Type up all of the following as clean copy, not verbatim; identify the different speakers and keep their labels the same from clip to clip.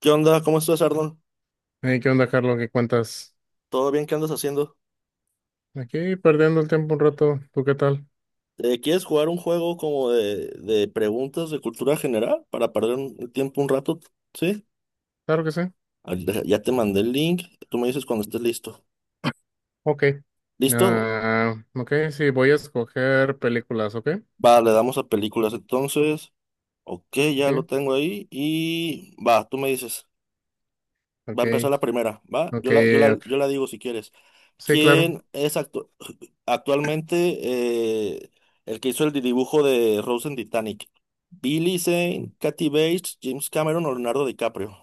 Speaker 1: ¿Qué onda? ¿Cómo estás, Arnold?
Speaker 2: Hey, ¿qué onda, Carlos? ¿Qué cuentas?
Speaker 1: ¿Todo bien? ¿Qué andas haciendo?
Speaker 2: Aquí perdiendo el tiempo un rato. ¿Tú qué tal?
Speaker 1: ¿Quieres jugar un juego como de preguntas de cultura general para perder el tiempo un rato? ¿Sí?
Speaker 2: Claro que sí.
Speaker 1: Ah, Ya te mandé el link. Tú me dices cuando estés listo.
Speaker 2: Ok.
Speaker 1: ¿Listo?
Speaker 2: Ok, sí, voy a escoger películas, ¿ok?
Speaker 1: Va, le damos a películas entonces. Ok, ya
Speaker 2: Sí,
Speaker 1: lo tengo ahí. Y va, tú me dices. Va a
Speaker 2: ok,
Speaker 1: empezar la primera. Va,
Speaker 2: ok.
Speaker 1: yo la, yo la, yo
Speaker 2: ok.
Speaker 1: la digo si quieres.
Speaker 2: Sí, claro.
Speaker 1: ¿Quién es actualmente eh, el que hizo el dibujo de Rose en Titanic? ¿Billy Zane, Kathy Bates, James Cameron o Leonardo DiCaprio?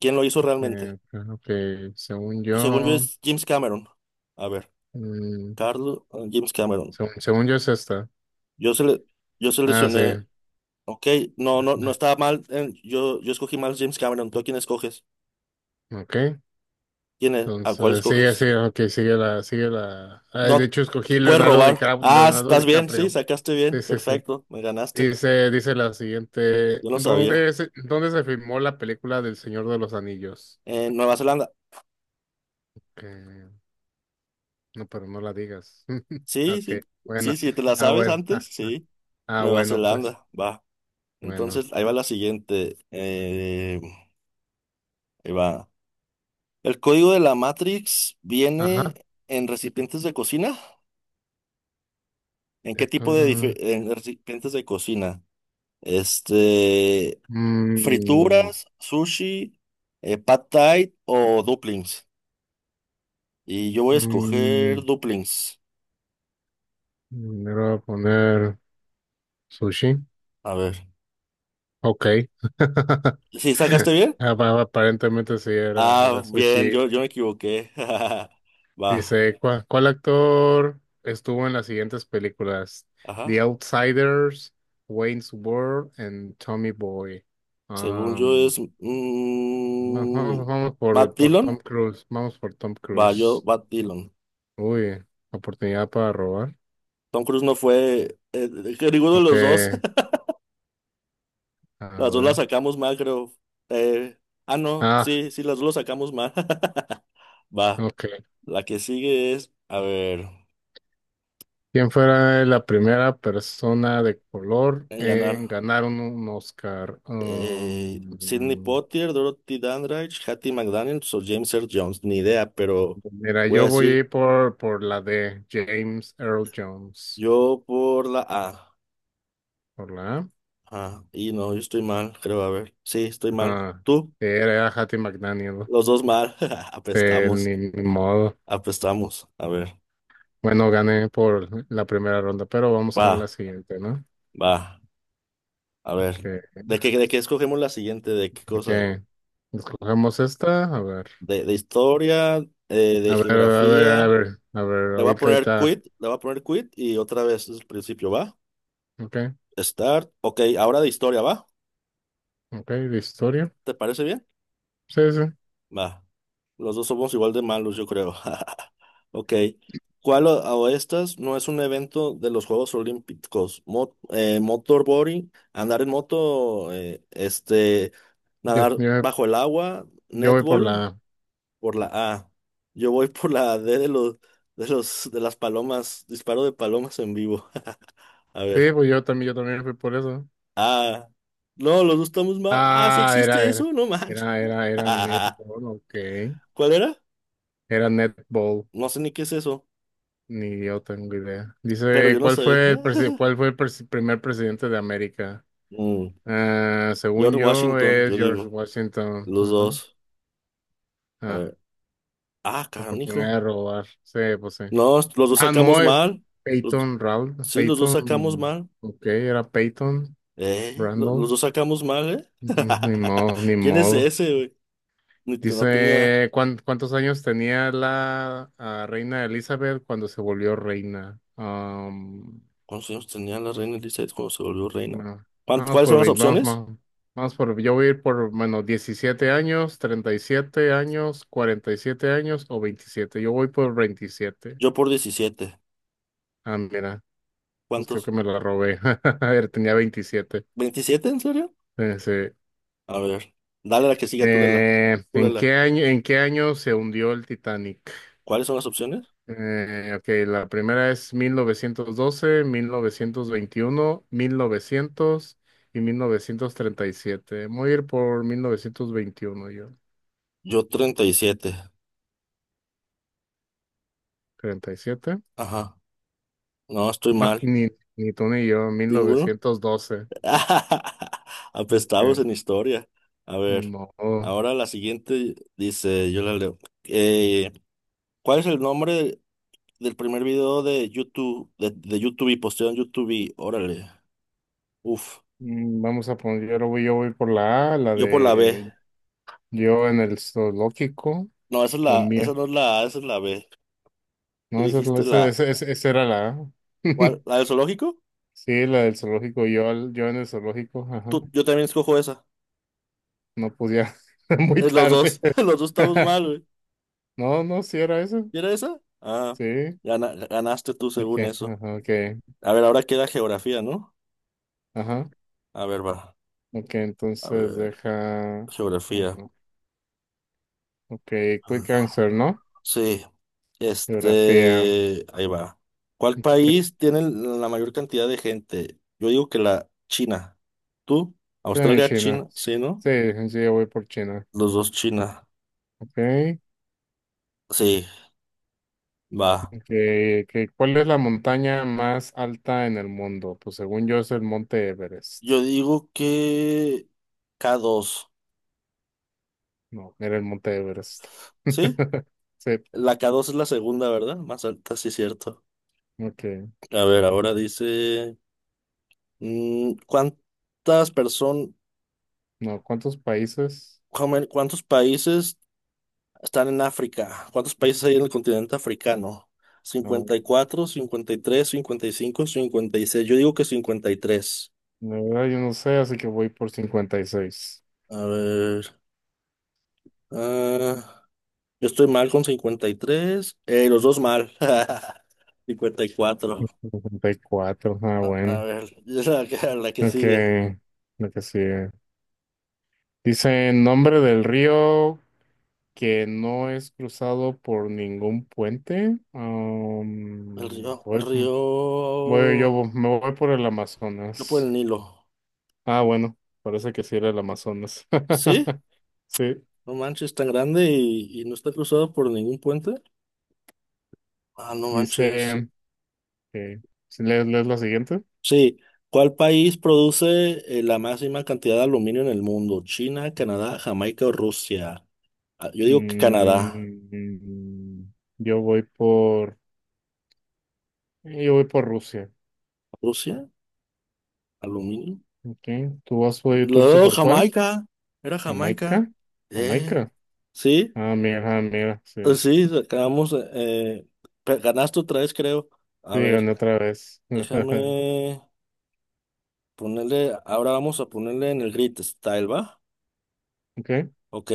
Speaker 1: ¿Quién lo hizo realmente?
Speaker 2: Eh, ok, según
Speaker 1: Según yo
Speaker 2: yo,
Speaker 1: es James Cameron. A ver,
Speaker 2: mm,
Speaker 1: Carlos, James Cameron.
Speaker 2: según yo es esta.
Speaker 1: Yo, sele- yo
Speaker 2: Ah,
Speaker 1: seleccioné,
Speaker 2: sí.
Speaker 1: ok, no, no, no
Speaker 2: Ah,
Speaker 1: estaba mal. Yo escogí mal James Cameron. ¿Tú a quién escoges?
Speaker 2: Ok.
Speaker 1: ¿Quién es? ¿A cuál
Speaker 2: Entonces, sigue,
Speaker 1: escoges?
Speaker 2: sigue, ok, sigue la. De
Speaker 1: No,
Speaker 2: hecho, escogí
Speaker 1: puedes
Speaker 2: Leonardo
Speaker 1: robar.
Speaker 2: DiCaprio,
Speaker 1: Ah,
Speaker 2: Leonardo
Speaker 1: estás bien, sí,
Speaker 2: DiCaprio.
Speaker 1: sacaste
Speaker 2: Sí,
Speaker 1: bien.
Speaker 2: sí, sí.
Speaker 1: Perfecto, me ganaste.
Speaker 2: Dice la siguiente,
Speaker 1: Yo no sabía.
Speaker 2: ¿dónde se filmó la película del Señor de los Anillos?
Speaker 1: En Nueva Zelanda.
Speaker 2: Eh, no, pero no la digas.
Speaker 1: Sí,
Speaker 2: Ok,
Speaker 1: sí. Sí,
Speaker 2: bueno,
Speaker 1: sí, te la
Speaker 2: ah,
Speaker 1: sabes
Speaker 2: bueno, ah,
Speaker 1: antes. Sí.
Speaker 2: ah,
Speaker 1: Nueva
Speaker 2: bueno, pues,
Speaker 1: Zelanda. Va.
Speaker 2: bueno,
Speaker 1: Entonces, ahí va la siguiente. Ahí va. ¿El código de la Matrix viene
Speaker 2: ajá.
Speaker 1: en recipientes de cocina? ¿En qué
Speaker 2: te
Speaker 1: tipo de dife-
Speaker 2: con-
Speaker 1: En recipientes de cocina. Este,
Speaker 2: Mm,
Speaker 1: frituras, sushi, pad thai o dumplings. Y yo voy a escoger
Speaker 2: mm,
Speaker 1: dumplings.
Speaker 2: Le voy a poner sushi.
Speaker 1: A ver.
Speaker 2: Ok.
Speaker 1: ¿Sí sacaste bien?
Speaker 2: Aparentemente sí era,
Speaker 1: Ah,
Speaker 2: era
Speaker 1: bien,
Speaker 2: sushi.
Speaker 1: yo me equivoqué. Va.
Speaker 2: Dice, ¿cuál actor estuvo en las siguientes películas? The
Speaker 1: Ajá.
Speaker 2: Outsiders, Wayne's World and Tommy Boy.
Speaker 1: Según yo
Speaker 2: Um,
Speaker 1: es
Speaker 2: vamos
Speaker 1: Matt
Speaker 2: por
Speaker 1: Dillon.
Speaker 2: Tom Cruise. Vamos por Tom
Speaker 1: Va, yo,
Speaker 2: Cruise.
Speaker 1: Matt Dillon.
Speaker 2: Uy, oportunidad para robar.
Speaker 1: Tom Cruise no fue. Que ninguno de
Speaker 2: Ok,
Speaker 1: los dos.
Speaker 2: a
Speaker 1: Las dos las
Speaker 2: ver.
Speaker 1: sacamos mal, creo. Eh, no.
Speaker 2: Ah,
Speaker 1: Sí, sí, las dos las sacamos mal. Va.
Speaker 2: ok.
Speaker 1: La que sigue es. A ver.
Speaker 2: ¿Quién fuera la primera persona de color
Speaker 1: En ganar.
Speaker 2: en ganar un Oscar?
Speaker 1: Sidney Poitier, Dorothy Dandridge, Hattie McDaniels o James Earl Jones. Ni idea, pero
Speaker 2: Mira,
Speaker 1: voy a
Speaker 2: yo voy a
Speaker 1: decir
Speaker 2: ir por la de James Earl Jones.
Speaker 1: yo por la A.
Speaker 2: Por la A.
Speaker 1: Ah, y no, yo estoy mal, creo. A ver. Sí, estoy mal.
Speaker 2: Ah,
Speaker 1: ¿Tú?
Speaker 2: era, Hattie McDaniel.
Speaker 1: Los dos mal. Apestamos,
Speaker 2: Ni modo.
Speaker 1: apestamos. A ver,
Speaker 2: Bueno, gané por la primera ronda, pero vamos con la
Speaker 1: va,
Speaker 2: siguiente, ¿no?
Speaker 1: va. A ver,
Speaker 2: Que
Speaker 1: ¿de qué escogemos la siguiente? ¿De qué cosa?
Speaker 2: que Escogemos esta. A ver.
Speaker 1: ¿De historia? ¿De
Speaker 2: A
Speaker 1: geografía?
Speaker 2: ver, A ver,
Speaker 1: Le voy a poner
Speaker 2: ahorita.
Speaker 1: quit, le voy a poner quit y otra vez desde el principio, ¿va?
Speaker 2: Ok,
Speaker 1: Start. Ok, ahora de historia, ¿va?
Speaker 2: ok, de historia.
Speaker 1: ¿Te parece bien?
Speaker 2: Sí, sí.
Speaker 1: Va. Los dos somos igual de malos, yo creo. Ok. ¿Cuál o estas no es un evento de los Juegos Olímpicos? Motorboarding, andar en moto, este.
Speaker 2: Yo,
Speaker 1: Nadar
Speaker 2: yo,
Speaker 1: bajo el agua,
Speaker 2: yo voy por
Speaker 1: netball,
Speaker 2: la.
Speaker 1: por la A. Yo voy por la D de las palomas, disparo de palomas en vivo. A
Speaker 2: Sí,
Speaker 1: ver.
Speaker 2: pues yo también fui por eso.
Speaker 1: Ah. No, los dos estamos mal. Ah, sí
Speaker 2: Ah,
Speaker 1: existe eso, no manches.
Speaker 2: era netball, ok.
Speaker 1: ¿Cuál era?
Speaker 2: Era netball,
Speaker 1: No sé ni qué es eso,
Speaker 2: ni yo tengo idea.
Speaker 1: pero
Speaker 2: Dice,
Speaker 1: yo no sé.
Speaker 2: ¿cuál fue el primer presidente de América?
Speaker 1: Mm,
Speaker 2: Ah, según
Speaker 1: George
Speaker 2: yo,
Speaker 1: Washington,
Speaker 2: es
Speaker 1: yo
Speaker 2: George
Speaker 1: digo.
Speaker 2: Washington.
Speaker 1: Los
Speaker 2: Ajá.
Speaker 1: dos. A
Speaker 2: Ah,
Speaker 1: ver. Ah,
Speaker 2: oportunidad
Speaker 1: canijo.
Speaker 2: de robar. Sí, pues sí.
Speaker 1: No, los dos
Speaker 2: Ah,
Speaker 1: sacamos
Speaker 2: no, es
Speaker 1: mal. Los-
Speaker 2: Peyton Round.
Speaker 1: sí, los dos sacamos
Speaker 2: Peyton,
Speaker 1: mal.
Speaker 2: ok, era Peyton
Speaker 1: ¿Eh? Lo- Los
Speaker 2: Randall.
Speaker 1: dos sacamos mal, ¿eh?
Speaker 2: Ni modo, ni
Speaker 1: ¿Quién es
Speaker 2: modo.
Speaker 1: ese, güey? Ni te- No tenía.
Speaker 2: Dice, ¿cuántos años tenía la reina Elizabeth cuando se volvió reina? Am,
Speaker 1: ¿Cuántos años tenía la reina Elizabeth cuando se volvió reina?
Speaker 2: no. Vamos
Speaker 1: ¿Cuáles
Speaker 2: por
Speaker 1: son las
Speaker 2: 20, vamos,
Speaker 1: opciones?
Speaker 2: vamos, vamos por, yo voy a ir por, bueno, 17 años, 37 años, 47 años o 27. Yo voy por 27.
Speaker 1: Yo por 17.
Speaker 2: Ah, mira, pues creo que
Speaker 1: ¿Cuántos?
Speaker 2: me la robé. A ver, tenía 27.
Speaker 1: ¿27, en serio?
Speaker 2: Sí.
Speaker 1: A ver. Dale la que siga, tú lela. Tú lela.
Speaker 2: ¿En qué año se hundió el Titanic?
Speaker 1: ¿Cuáles son las opciones?
Speaker 2: Ok, la primera es mil mil novecientos doce, mil novecientos veintiuno, 1937. Voy a ir por 1921, yo.
Speaker 1: Yo 37.
Speaker 2: ¿37?
Speaker 1: Ajá. No, estoy
Speaker 2: No,
Speaker 1: mal.
Speaker 2: ni tú ni yo,
Speaker 1: ¿Ninguno?
Speaker 2: 1912.
Speaker 1: Apestados
Speaker 2: Ok,
Speaker 1: en historia. A
Speaker 2: ni
Speaker 1: ver.
Speaker 2: modo.
Speaker 1: Ahora la siguiente dice, yo la leo. Eh, ¿Cuál es el nombre del primer video de YouTube y posteo en YouTube y órale? Uf.
Speaker 2: Vamos a poner, yo voy por la A, la
Speaker 1: Yo por la B.
Speaker 2: de yo en el zoológico
Speaker 1: No, esa es
Speaker 2: o
Speaker 1: la, esa
Speaker 2: mía.
Speaker 1: no es la A, esa es la B. Tú
Speaker 2: No, esa, es la-
Speaker 1: dijiste
Speaker 2: esa,
Speaker 1: la.
Speaker 2: esa, esa esa era la A.
Speaker 1: ¿Cuál? ¿La del zoológico?
Speaker 2: Sí, la del zoológico, yo en el zoológico, ajá.
Speaker 1: Tú, yo también escojo esa.
Speaker 2: No podía, muy
Speaker 1: Los
Speaker 2: tarde.
Speaker 1: dos, los dos estamos mal, güey.
Speaker 2: No, no, sí era eso.
Speaker 1: ¿Y era esa? Ah,
Speaker 2: Sí.
Speaker 1: ganaste tú
Speaker 2: Ok,
Speaker 1: según eso.
Speaker 2: ajá, ok.
Speaker 1: A ver, ahora queda geografía, ¿no?
Speaker 2: Ajá.
Speaker 1: A ver, va.
Speaker 2: Ok,
Speaker 1: A
Speaker 2: entonces
Speaker 1: ver,
Speaker 2: deja.
Speaker 1: geografía.
Speaker 2: Ajá, Ok,
Speaker 1: Mm,
Speaker 2: Quick Answer, ¿no?
Speaker 1: sí.
Speaker 2: Geografía.
Speaker 1: Este, ahí va. ¿Cuál
Speaker 2: Okay.
Speaker 1: país tiene la mayor cantidad de gente? Yo digo que la China. ¿Tú?
Speaker 2: Sí,
Speaker 1: Australia,
Speaker 2: China.
Speaker 1: China, sí, ¿no?
Speaker 2: Sí, sí, yo voy por China.
Speaker 1: Los dos China.
Speaker 2: Ok,
Speaker 1: Sí, va.
Speaker 2: ok, ok. ¿Cuál es la montaña más alta en el mundo? Pues según yo es el Monte Everest.
Speaker 1: Yo digo que k dos.
Speaker 2: No, era el Monte Everest.
Speaker 1: ¿Sí?
Speaker 2: Sí,
Speaker 1: La k dos es la segunda, ¿verdad? Más alta, sí, cierto.
Speaker 2: ok.
Speaker 1: A ver, ahora dice, mm, ¿cuántas personas,
Speaker 2: No, ¿cuántos países?
Speaker 1: cuántos países están en África? ¿Cuántos países hay en el continente africano?
Speaker 2: No,
Speaker 1: 54, 56. Yo digo que 53.
Speaker 2: la verdad yo no sé, así que voy por cincuenta y seis
Speaker 1: A ver. Ah, yo estoy mal con 53. Los dos mal. 54.
Speaker 2: cincuenta y cuatro ah,
Speaker 1: A
Speaker 2: bueno.
Speaker 1: ver. Y es la que, la que
Speaker 2: Ok,
Speaker 1: sigue.
Speaker 2: lo que sigue. Dice nombre del río que no es cruzado por ningún puente.
Speaker 1: El río. El río.
Speaker 2: Me voy por el
Speaker 1: No, por el
Speaker 2: Amazonas.
Speaker 1: Nilo.
Speaker 2: Ah, bueno, parece que sí era el Amazonas.
Speaker 1: ¿Sí?
Speaker 2: Sí,
Speaker 1: No manches, tan grande y no está cruzado por ningún puente. Ah, no manches.
Speaker 2: dice que... lees la siguiente?
Speaker 1: Sí, ¿cuál país produce la máxima cantidad de aluminio en el mundo? ¿China, Canadá, Jamaica o Rusia? Ah, yo digo que Canadá.
Speaker 2: Mm, yo voy por... Y Yo voy por Rusia.
Speaker 1: ¿Rusia? ¿Aluminio?
Speaker 2: Okay. ¿Tú fuiste
Speaker 1: Luego
Speaker 2: por cuál?
Speaker 1: Jamaica. Era Jamaica.
Speaker 2: Jamaica.
Speaker 1: Eh,
Speaker 2: Jamaica.
Speaker 1: sí,
Speaker 2: Ah, mira, sí.
Speaker 1: sí, acabamos. Ganaste otra vez, creo. A
Speaker 2: Sí,
Speaker 1: ver,
Speaker 2: gané otra vez.
Speaker 1: déjame ponerle. Ahora vamos a ponerle en el grid style, ¿va?
Speaker 2: Ok.
Speaker 1: Ok,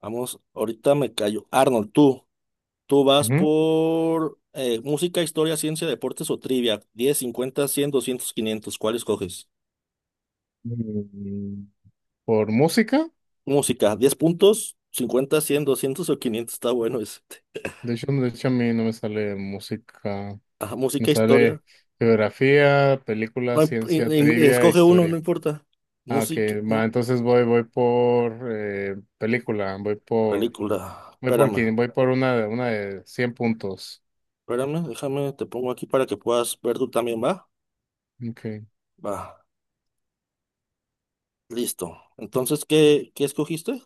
Speaker 1: vamos. Ahorita me callo. Arnold, tú. Tú vas
Speaker 2: Ujú.
Speaker 1: por música, historia, ciencia, deportes o trivia. 10, 50, 100, 200, 500. ¿Cuál escoges?
Speaker 2: Mm, ¿Por música?
Speaker 1: Música, 10 puntos, 50, 100, 200 o 500. Está bueno ese.
Speaker 2: De hecho, a mí no me sale música.
Speaker 1: Ajá,
Speaker 2: Me
Speaker 1: música,
Speaker 2: sale
Speaker 1: historia.
Speaker 2: geografía, película,
Speaker 1: No,
Speaker 2: ciencia, trivia,
Speaker 1: escoge uno, no
Speaker 2: historia.
Speaker 1: importa.
Speaker 2: Ah, ok.
Speaker 1: Música,
Speaker 2: Va, entonces voy por película. Voy por,
Speaker 1: película.
Speaker 2: voy por
Speaker 1: Espérame,
Speaker 2: quién? Voy por una, una de 100 puntos.
Speaker 1: espérame, déjame, te pongo aquí para que puedas ver tú también, ¿va?
Speaker 2: Ok.
Speaker 1: Va, listo. Entonces, ¿qué, qué escogiste?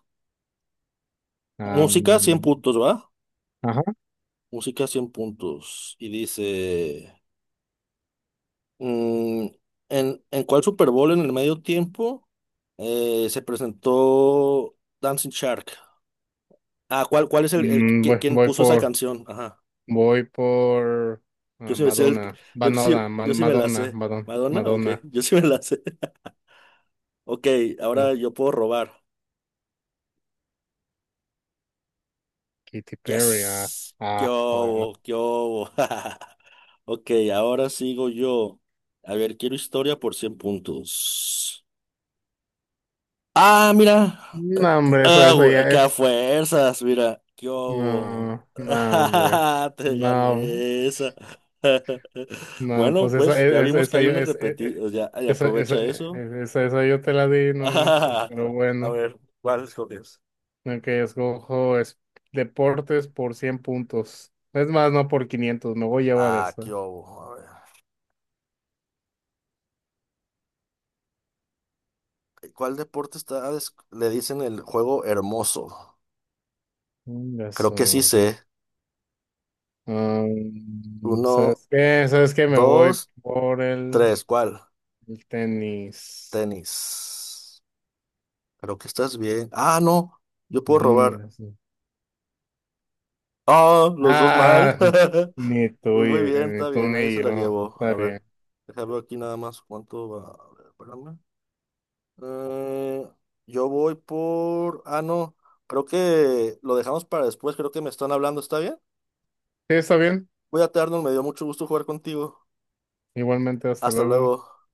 Speaker 2: Ah,
Speaker 1: Música, 100
Speaker 2: mm,
Speaker 1: puntos, ¿va? Música, 100 puntos. Y dice... Mm, ¿en cuál Super Bowl en el medio tiempo se presentó Dancing Shark? Ah, ¿cuál es
Speaker 2: Mm, voy,
Speaker 1: quién
Speaker 2: voy
Speaker 1: puso esa
Speaker 2: por,
Speaker 1: canción? Ajá.
Speaker 2: voy por
Speaker 1: Yo
Speaker 2: Ah,
Speaker 1: sí me sé el-
Speaker 2: Madonna,
Speaker 1: yo
Speaker 2: Madonna,
Speaker 1: sí,
Speaker 2: Ma-
Speaker 1: yo sí me la
Speaker 2: Madonna,
Speaker 1: sé.
Speaker 2: Madonna,
Speaker 1: ¿Madonna? Ok,
Speaker 2: Madonna,
Speaker 1: yo sí me la sé. Ok, ahora
Speaker 2: ah,
Speaker 1: yo puedo robar.
Speaker 2: Katy Perry, ah,
Speaker 1: Yes. ¿Qué
Speaker 2: ah, bueno.
Speaker 1: hubo? ¿Qué hubo? Ok, ahora sigo yo. A ver, quiero historia por 100 puntos. Ah, mira.
Speaker 2: No, hombre, eso,
Speaker 1: Ah,
Speaker 2: eso
Speaker 1: güey,
Speaker 2: ya
Speaker 1: que a
Speaker 2: es.
Speaker 1: fuerzas, mira, yo
Speaker 2: No, no, hombre.
Speaker 1: te
Speaker 2: No,
Speaker 1: gané esa.
Speaker 2: no,
Speaker 1: Bueno,
Speaker 2: pues esa,
Speaker 1: pues ya
Speaker 2: e-
Speaker 1: vimos que
Speaker 2: esa,
Speaker 1: hay
Speaker 2: yo,
Speaker 1: unas
Speaker 2: es, e-
Speaker 1: repetidas, ya, ay, aprovecha eso.
Speaker 2: e- esa, esa yo te la di, no manches, pero
Speaker 1: A
Speaker 2: bueno.
Speaker 1: ver, ¿cuál escoges?
Speaker 2: Ok, deportes por 100 puntos. Es más, no por 500 me voy a llevar
Speaker 1: Ah, qué
Speaker 2: esa.
Speaker 1: hubo. A ver, ¿cuál deporte le dicen el juego hermoso? Creo que sí
Speaker 2: Eso.
Speaker 1: sé.
Speaker 2: Ah,
Speaker 1: Uno,
Speaker 2: ¿sabes qué? ¿Sabes qué? Me voy
Speaker 1: dos,
Speaker 2: por
Speaker 1: tres. ¿Cuál?
Speaker 2: el tenis.
Speaker 1: Tenis. Creo que estás bien. Ah, no. Yo puedo robar.
Speaker 2: Ingas.
Speaker 1: Ah, los dos mal.
Speaker 2: Ah,
Speaker 1: Pues muy bien,
Speaker 2: ni
Speaker 1: está
Speaker 2: tú
Speaker 1: bien, ahí
Speaker 2: ni
Speaker 1: se la
Speaker 2: yo.
Speaker 1: llevo.
Speaker 2: Está
Speaker 1: A ver,
Speaker 2: bien.
Speaker 1: déjame ver aquí nada más cuánto va. A ver, espérame. Eh, yo voy por... Ah, no, creo que lo dejamos para después, creo que me están hablando, ¿está bien?
Speaker 2: Sí, está bien.
Speaker 1: Cuídate, Arnold, me dio mucho gusto jugar contigo.
Speaker 2: Igualmente, hasta
Speaker 1: Hasta
Speaker 2: luego.
Speaker 1: luego.